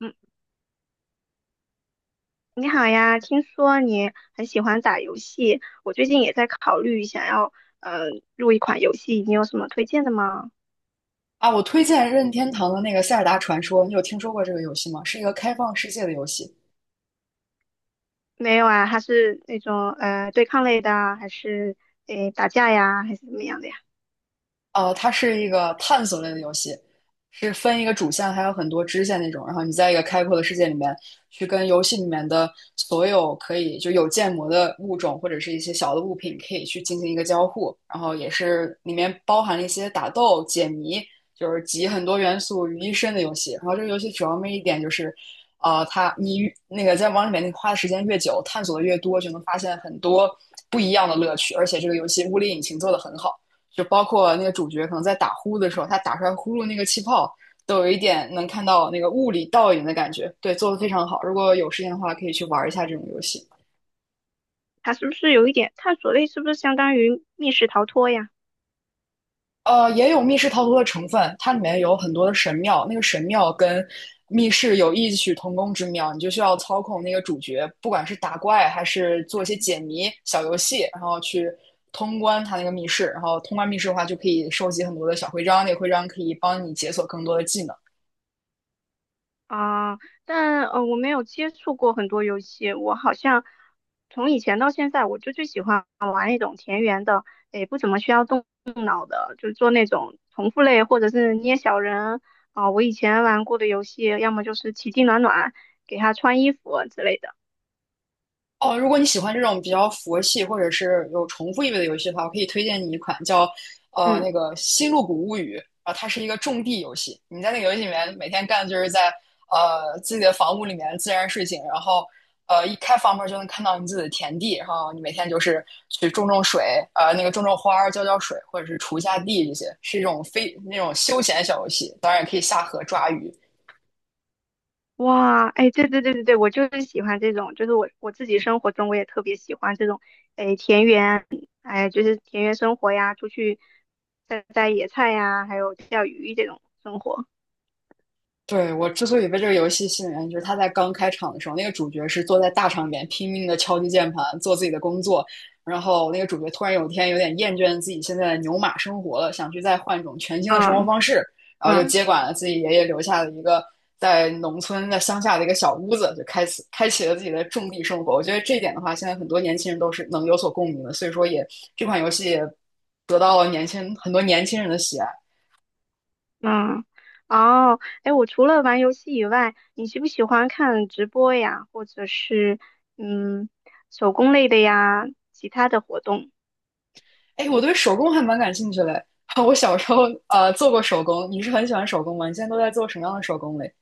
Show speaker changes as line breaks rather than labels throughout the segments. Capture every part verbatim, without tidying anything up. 嗯，你好呀，听说你很喜欢打游戏，我最近也在考虑想要呃入一款游戏，你有什么推荐的吗？
啊，我推荐任天堂的那个《塞尔达传说》，你有听说过这个游戏吗？是一个开放世界的游戏。
没有啊，它是那种呃对抗类的啊，还是诶打架呀，还是怎么样的呀？
呃，它是一个探索类的游戏，是分一个主线，还有很多支线那种。然后你在一个开阔的世界里面，去跟游戏里面的所有可以就有建模的物种或者是一些小的物品，可以去进行一个交互。然后也是里面包含了一些打斗、解谜，就是集很多元素于一身的游戏。然后这个游戏主要魅一点就是，呃，它你越那个在往里面你花的时间越久，探索的越多，就能发现很多不一样的乐趣。而且这个游戏物理引擎做的很好。就包括那个主角可能在打呼的时候，他打出来呼噜那个气泡，都有一点能看到那个物理倒影的感觉。对，做的非常好。如果有时间的话，可以去玩一下这种游戏。
它是不是有一点探索类？是不是相当于密室逃脱呀？
呃，也有密室逃脱的成分，它里面有很多的神庙，那个神庙跟密室有异曲同工之妙，你就需要操控那个主角，不管是打怪还是做一些解谜小游戏，然后去通关它那个密室。然后通关密室的话，就可以收集很多的小徽章，那个徽章可以帮你解锁更多的技能。
啊，但呃，我没有接触过很多游戏，我好像从以前到现在，我就最喜欢那种田园的，诶，不怎么需要动。好的，就是做那种重复类或者是捏小人啊，我以前玩过的游戏，要么就是奇迹暖暖，给他穿衣服之类的。
哦，如果你喜欢这种比较佛系或者是有重复意味的游戏的话，我可以推荐你一款叫呃
嗯。
那个《星露谷物语》啊，它是一个种地游戏。你在那个游戏里面每天干的就是在呃自己的房屋里面自然睡醒，然后呃一开房门就能看到你自己的田地，然后你每天就是去种种水，呃那个种种花儿、浇浇水，或者是锄一下地这些，是一种非那种休闲小游戏。当然也可以下河抓鱼。
哇，哎，对对对对对，我就是喜欢这种，就是我我自己生活中我也特别喜欢这种，哎，田园，哎，就是田园生活呀，出去摘摘野菜呀，还有钓鱼这种生活。
对，我之所以被这个游戏吸引，就是它在刚开场的时候，那个主角是坐在大场面拼命的敲击键盘，做自己的工作。然后那个主角突然有一天有点厌倦自己现在的牛马生活了，想去再换一种全新的生活
嗯
方式，然后就
嗯。
接管了自己爷爷留下的一个在农村在乡下的一个小屋子，就开始开启了自己的种地生活。我觉得这一点的话，现在很多年轻人都是能有所共鸣的，所以说也这款游戏也得到了年轻很多年轻人的喜爱。
嗯。哦，哎，我除了玩游戏以外，你喜不喜欢看直播呀，或者是嗯手工类的呀，其他的活动？
哎，我对手工还蛮感兴趣的。我小时候呃做过手工，你是很喜欢手工吗？你现在都在做什么样的手工嘞？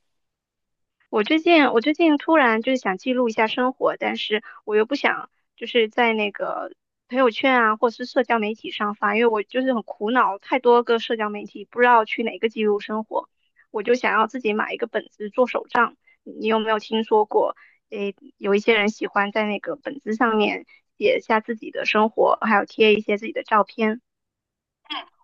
我最近我最近突然就是想记录一下生活，但是我又不想就是在那个朋友圈啊，或是社交媒体上发，因为我就是很苦恼，太多个社交媒体不知道去哪个记录生活，我就想要自己买一个本子做手账。你有没有听说过？诶，有一些人喜欢在那个本子上面写下自己的生活，还有贴一些自己的照片。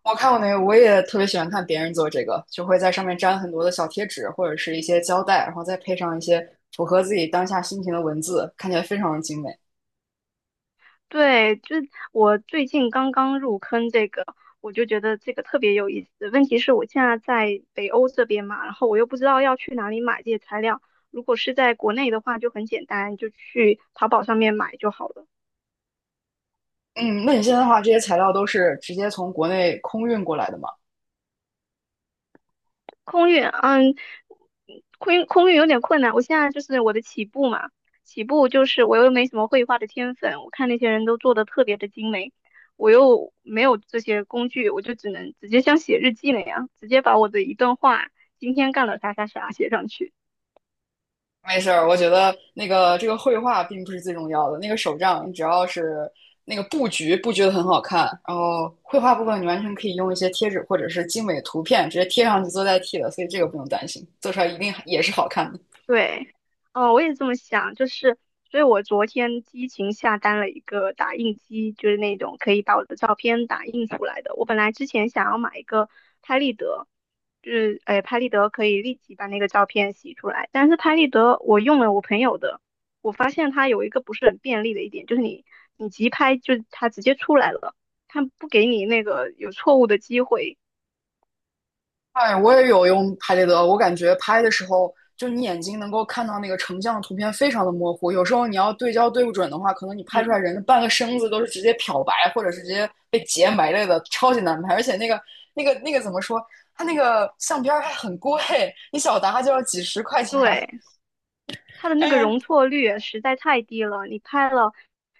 我看过那个，我也特别喜欢看别人做这个，就会在上面粘很多的小贴纸或者是一些胶带，然后再配上一些符合自己当下心情的文字，看起来非常的精美。
对，就是我最近刚刚入坑这个，我就觉得这个特别有意思。问题是我现在在北欧这边嘛，然后我又不知道要去哪里买这些材料。如果是在国内的话，就很简单，就去淘宝上面买就好了。
嗯，那你现在的话，这些材料都是直接从国内空运过来的吗？
空运，嗯，空运空运有点困难。我现在就是我的起步嘛，起步就是我又没什么绘画的天分，我看那些人都做的特别的精美，我又没有这些工具，我就只能直接像写日记那样，直接把我的一段话今天干了啥啥啥写上去。
没事儿，我觉得那个这个绘画并不是最重要的，那个手账你只要是那个布局布局的很好看，然后绘画部分你完全可以用一些贴纸或者是精美图片直接贴上去做代替的，所以这个不用担心，做出来一定也是好看的。
对。哦，我也这么想，就是，所以我昨天激情下单了一个打印机，就是那种可以把我的照片打印出来的。我本来之前想要买一个拍立得，就是，哎，拍立得可以立即把那个照片洗出来，但是拍立得我用了我朋友的，我发现它有一个不是很便利的一点，就是你你急拍就它直接出来了，它不给你那个有错误的机会。
哎，我也有用拍立得，我感觉拍的时候，就你眼睛能够看到那个成像的图片非常的模糊，有时候你要对焦对不准的话，可能你拍出来
嗯。
人的半个身子都是直接漂白，或者是直接被截没了的，超级难拍。而且那个那个那个怎么说？它那个相片儿还很贵，你小沓就要几十块钱。
对。它的 那
哎
个
呀
容错率实在太低了。你拍了，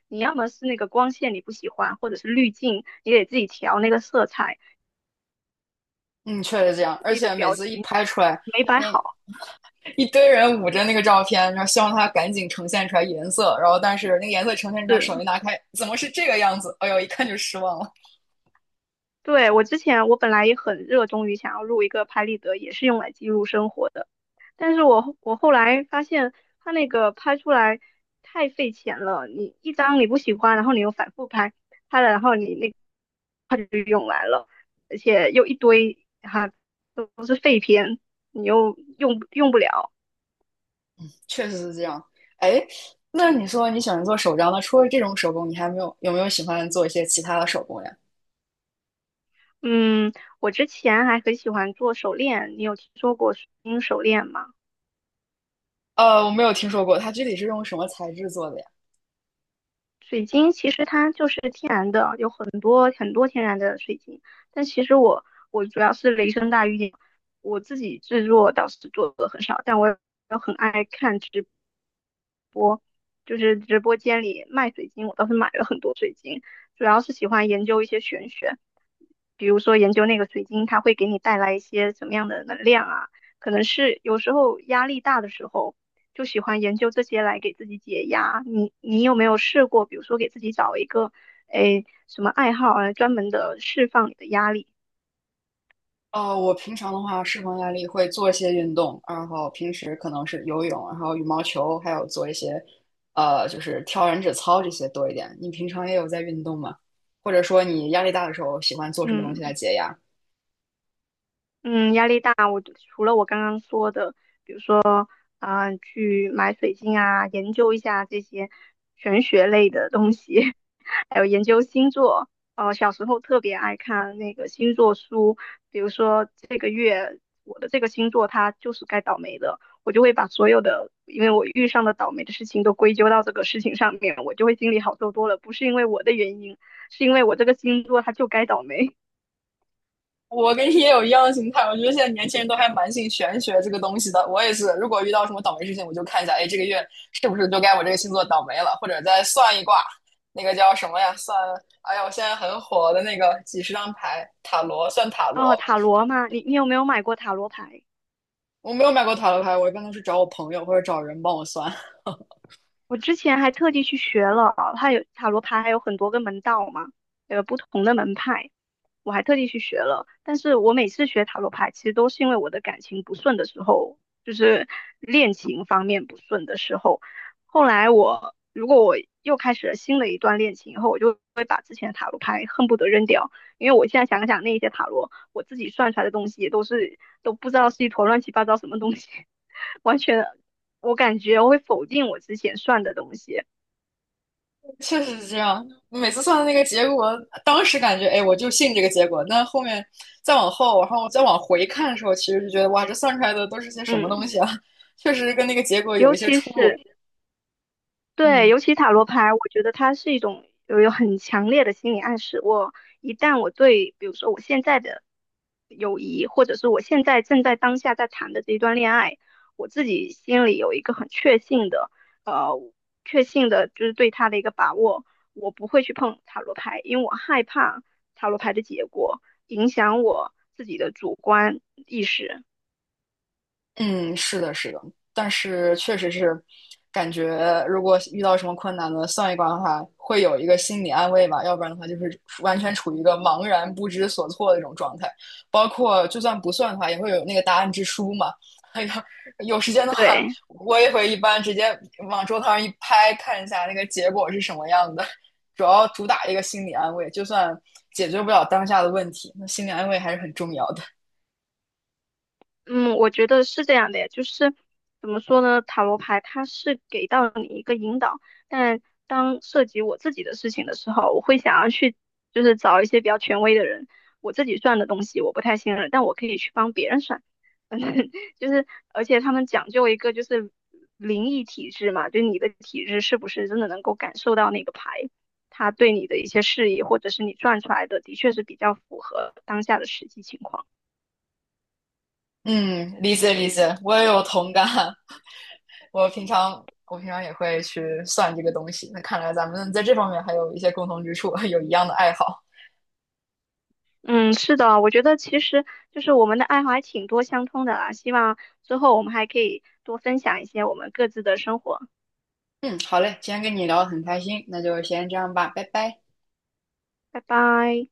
你要么是那个光线你不喜欢，或者是滤镜，你得自己调那个色彩，
嗯，确实这样，
自
而
己的
且每
表
次一
情
拍出来，
没摆
你
好。
一堆人捂着那个照片，然后希望它赶紧呈现出来颜色，然后但是那个颜色呈现出来，手
是。
一拿开，怎么是这个样子？哎呦，一看就失望了。
对，我之前我本来也很热衷于想要录一个拍立得，也是用来记录生活的，但是我我后来发现它那个拍出来太费钱了，你一张你不喜欢，然后你又反复拍，拍了然后你那而且又一堆哈、都是废片，你又用用不了。
确实是这样。哎，那你说你喜欢做手账，那除了这种手工，你还没有有没有喜欢做一些其他的手工呀？
嗯，我之前还很喜欢做手链，你有听说过水晶手链吗？
呃，我没有听说过，它具体是用什么材质做的呀？
水晶其实它就是天然的，有很多很多天然的水晶，但其实我我主要是雷声大雨点，我自己制作倒是做的很少，但我也很爱看直，就是直播间里卖水晶，我倒是买了很多水晶，主要是喜欢研究一些玄学。比如说研究那个水晶，它会给你带来一些什么样的能量啊？可能是有时候压力大的时候，就喜欢研究这些来给自己解压。你你有没有试过，比如说给自己找一个，诶，什么爱好啊，专门的释放你的压力？
哦，我平常的话，释放压力会做一些运动，然后平时可能是游泳，然后羽毛球，还有做一些，呃，就是跳燃脂操这些多一点。你平常也有在运动吗？或者说你压力大的时候喜欢做什么东西来
嗯
解压？
嗯，压力大，我除了我刚刚说的。啊、去买水晶啊，研究一下这些玄学类的东西，还有研究星座。呃，小时候特别爱看那个星座书，比如说这个月我的这个星座它就是该倒霉的，我就会把所有的因为我遇上的倒霉的事情都归咎到这个事情上面，我就会心里好受多了。不是因为我的原因，是因为我这个星座它就该倒霉。
我跟你也有一样的心态，我觉得现在年轻人都还蛮信玄学这个东西的。我也是，如果遇到什么倒霉事情，我就看一下，哎，这个月是不是就该我这个星座倒霉了，或者再算一卦，那个叫什么呀？算，哎呀，我现在很火的那个几十张牌，塔罗，算塔
哦，
罗。
塔罗嘛，你你有没有买过塔罗牌？
我没有买过塔罗牌，我一般都是找我朋友或者找人帮我算，
我之前还特地去学了，它有塔罗牌，还有很多个门道嘛，有不同的门派，我还特地去学了。但是我每次学塔罗牌，其实都是因为我的感情不顺的时候，就是恋情方面不顺的时候。后来我如果我又开始了新的一段恋情以后，我就会把之前的塔罗牌恨不得扔掉，因为我现在想想那一些塔罗，我自己算出来的东西也都是都不知道是一坨乱七八糟什么东西。完全，我感觉我会否定我之前算的东西。
确实是这样。每次算的那个结果，当时感觉哎，我就信这个结果。那后面再往后，然后再往回看的时候，其实就觉得哇，这算出来的都是些什么东
嗯，
西啊？确实跟那个结果有一
尤
些
其
出入。
是对，
嗯。
尤其塔罗牌，我觉得它是一种有有很强烈的心理暗示。我一旦我对，比如说我现在的友谊，或者是我现在正在当下在谈的这一段恋爱，我自己心里有一个很确信的，呃，确信的就是对他的一个把握，我不会去碰塔罗牌，因为我害怕塔罗牌的结果影响我自己的主观意识。
嗯，是的，是的，但是确实是感觉，如果遇到什么困难呢，算一卦的话，会有一个心理安慰吧，要不然的话就是完全处于一个茫然不知所措的这种状态。包括就算不算的话，也会有那个答案之书嘛。哎呀，有时间的话，
对，
我也会一般直接往桌子上一拍，看一下那个结果是什么样的。主要主打一个心理安慰，就算解决不了当下的问题，那心理安慰还是很重要的。
嗯，我觉得是这样的呀，就是怎么说呢，塔罗牌它是给到你一个引导，但当涉及我自己的事情的时候，我会想要去就是找一些比较权威的人，我自己算的东西我不太信任，但我可以去帮别人算，就是而且他们讲究一个就是灵异体质嘛，就你的体质是不是真的能够感受到那个牌，它对你的一些示意，或者是你转出来的的确是比较符合当下的实际情况。
嗯，理解理解，我也有同感。我平常我平常也会去算这个东西。那看来咱们在这方面还有一些共同之处，有一样的爱好。
嗯，是的，我觉得其实就是我们的爱好还挺多相通的啦。希望之后我们还可以多分享一些我们各自的生活。
嗯，好嘞，今天跟你聊得很开心，那就先这样吧，拜拜。
拜拜。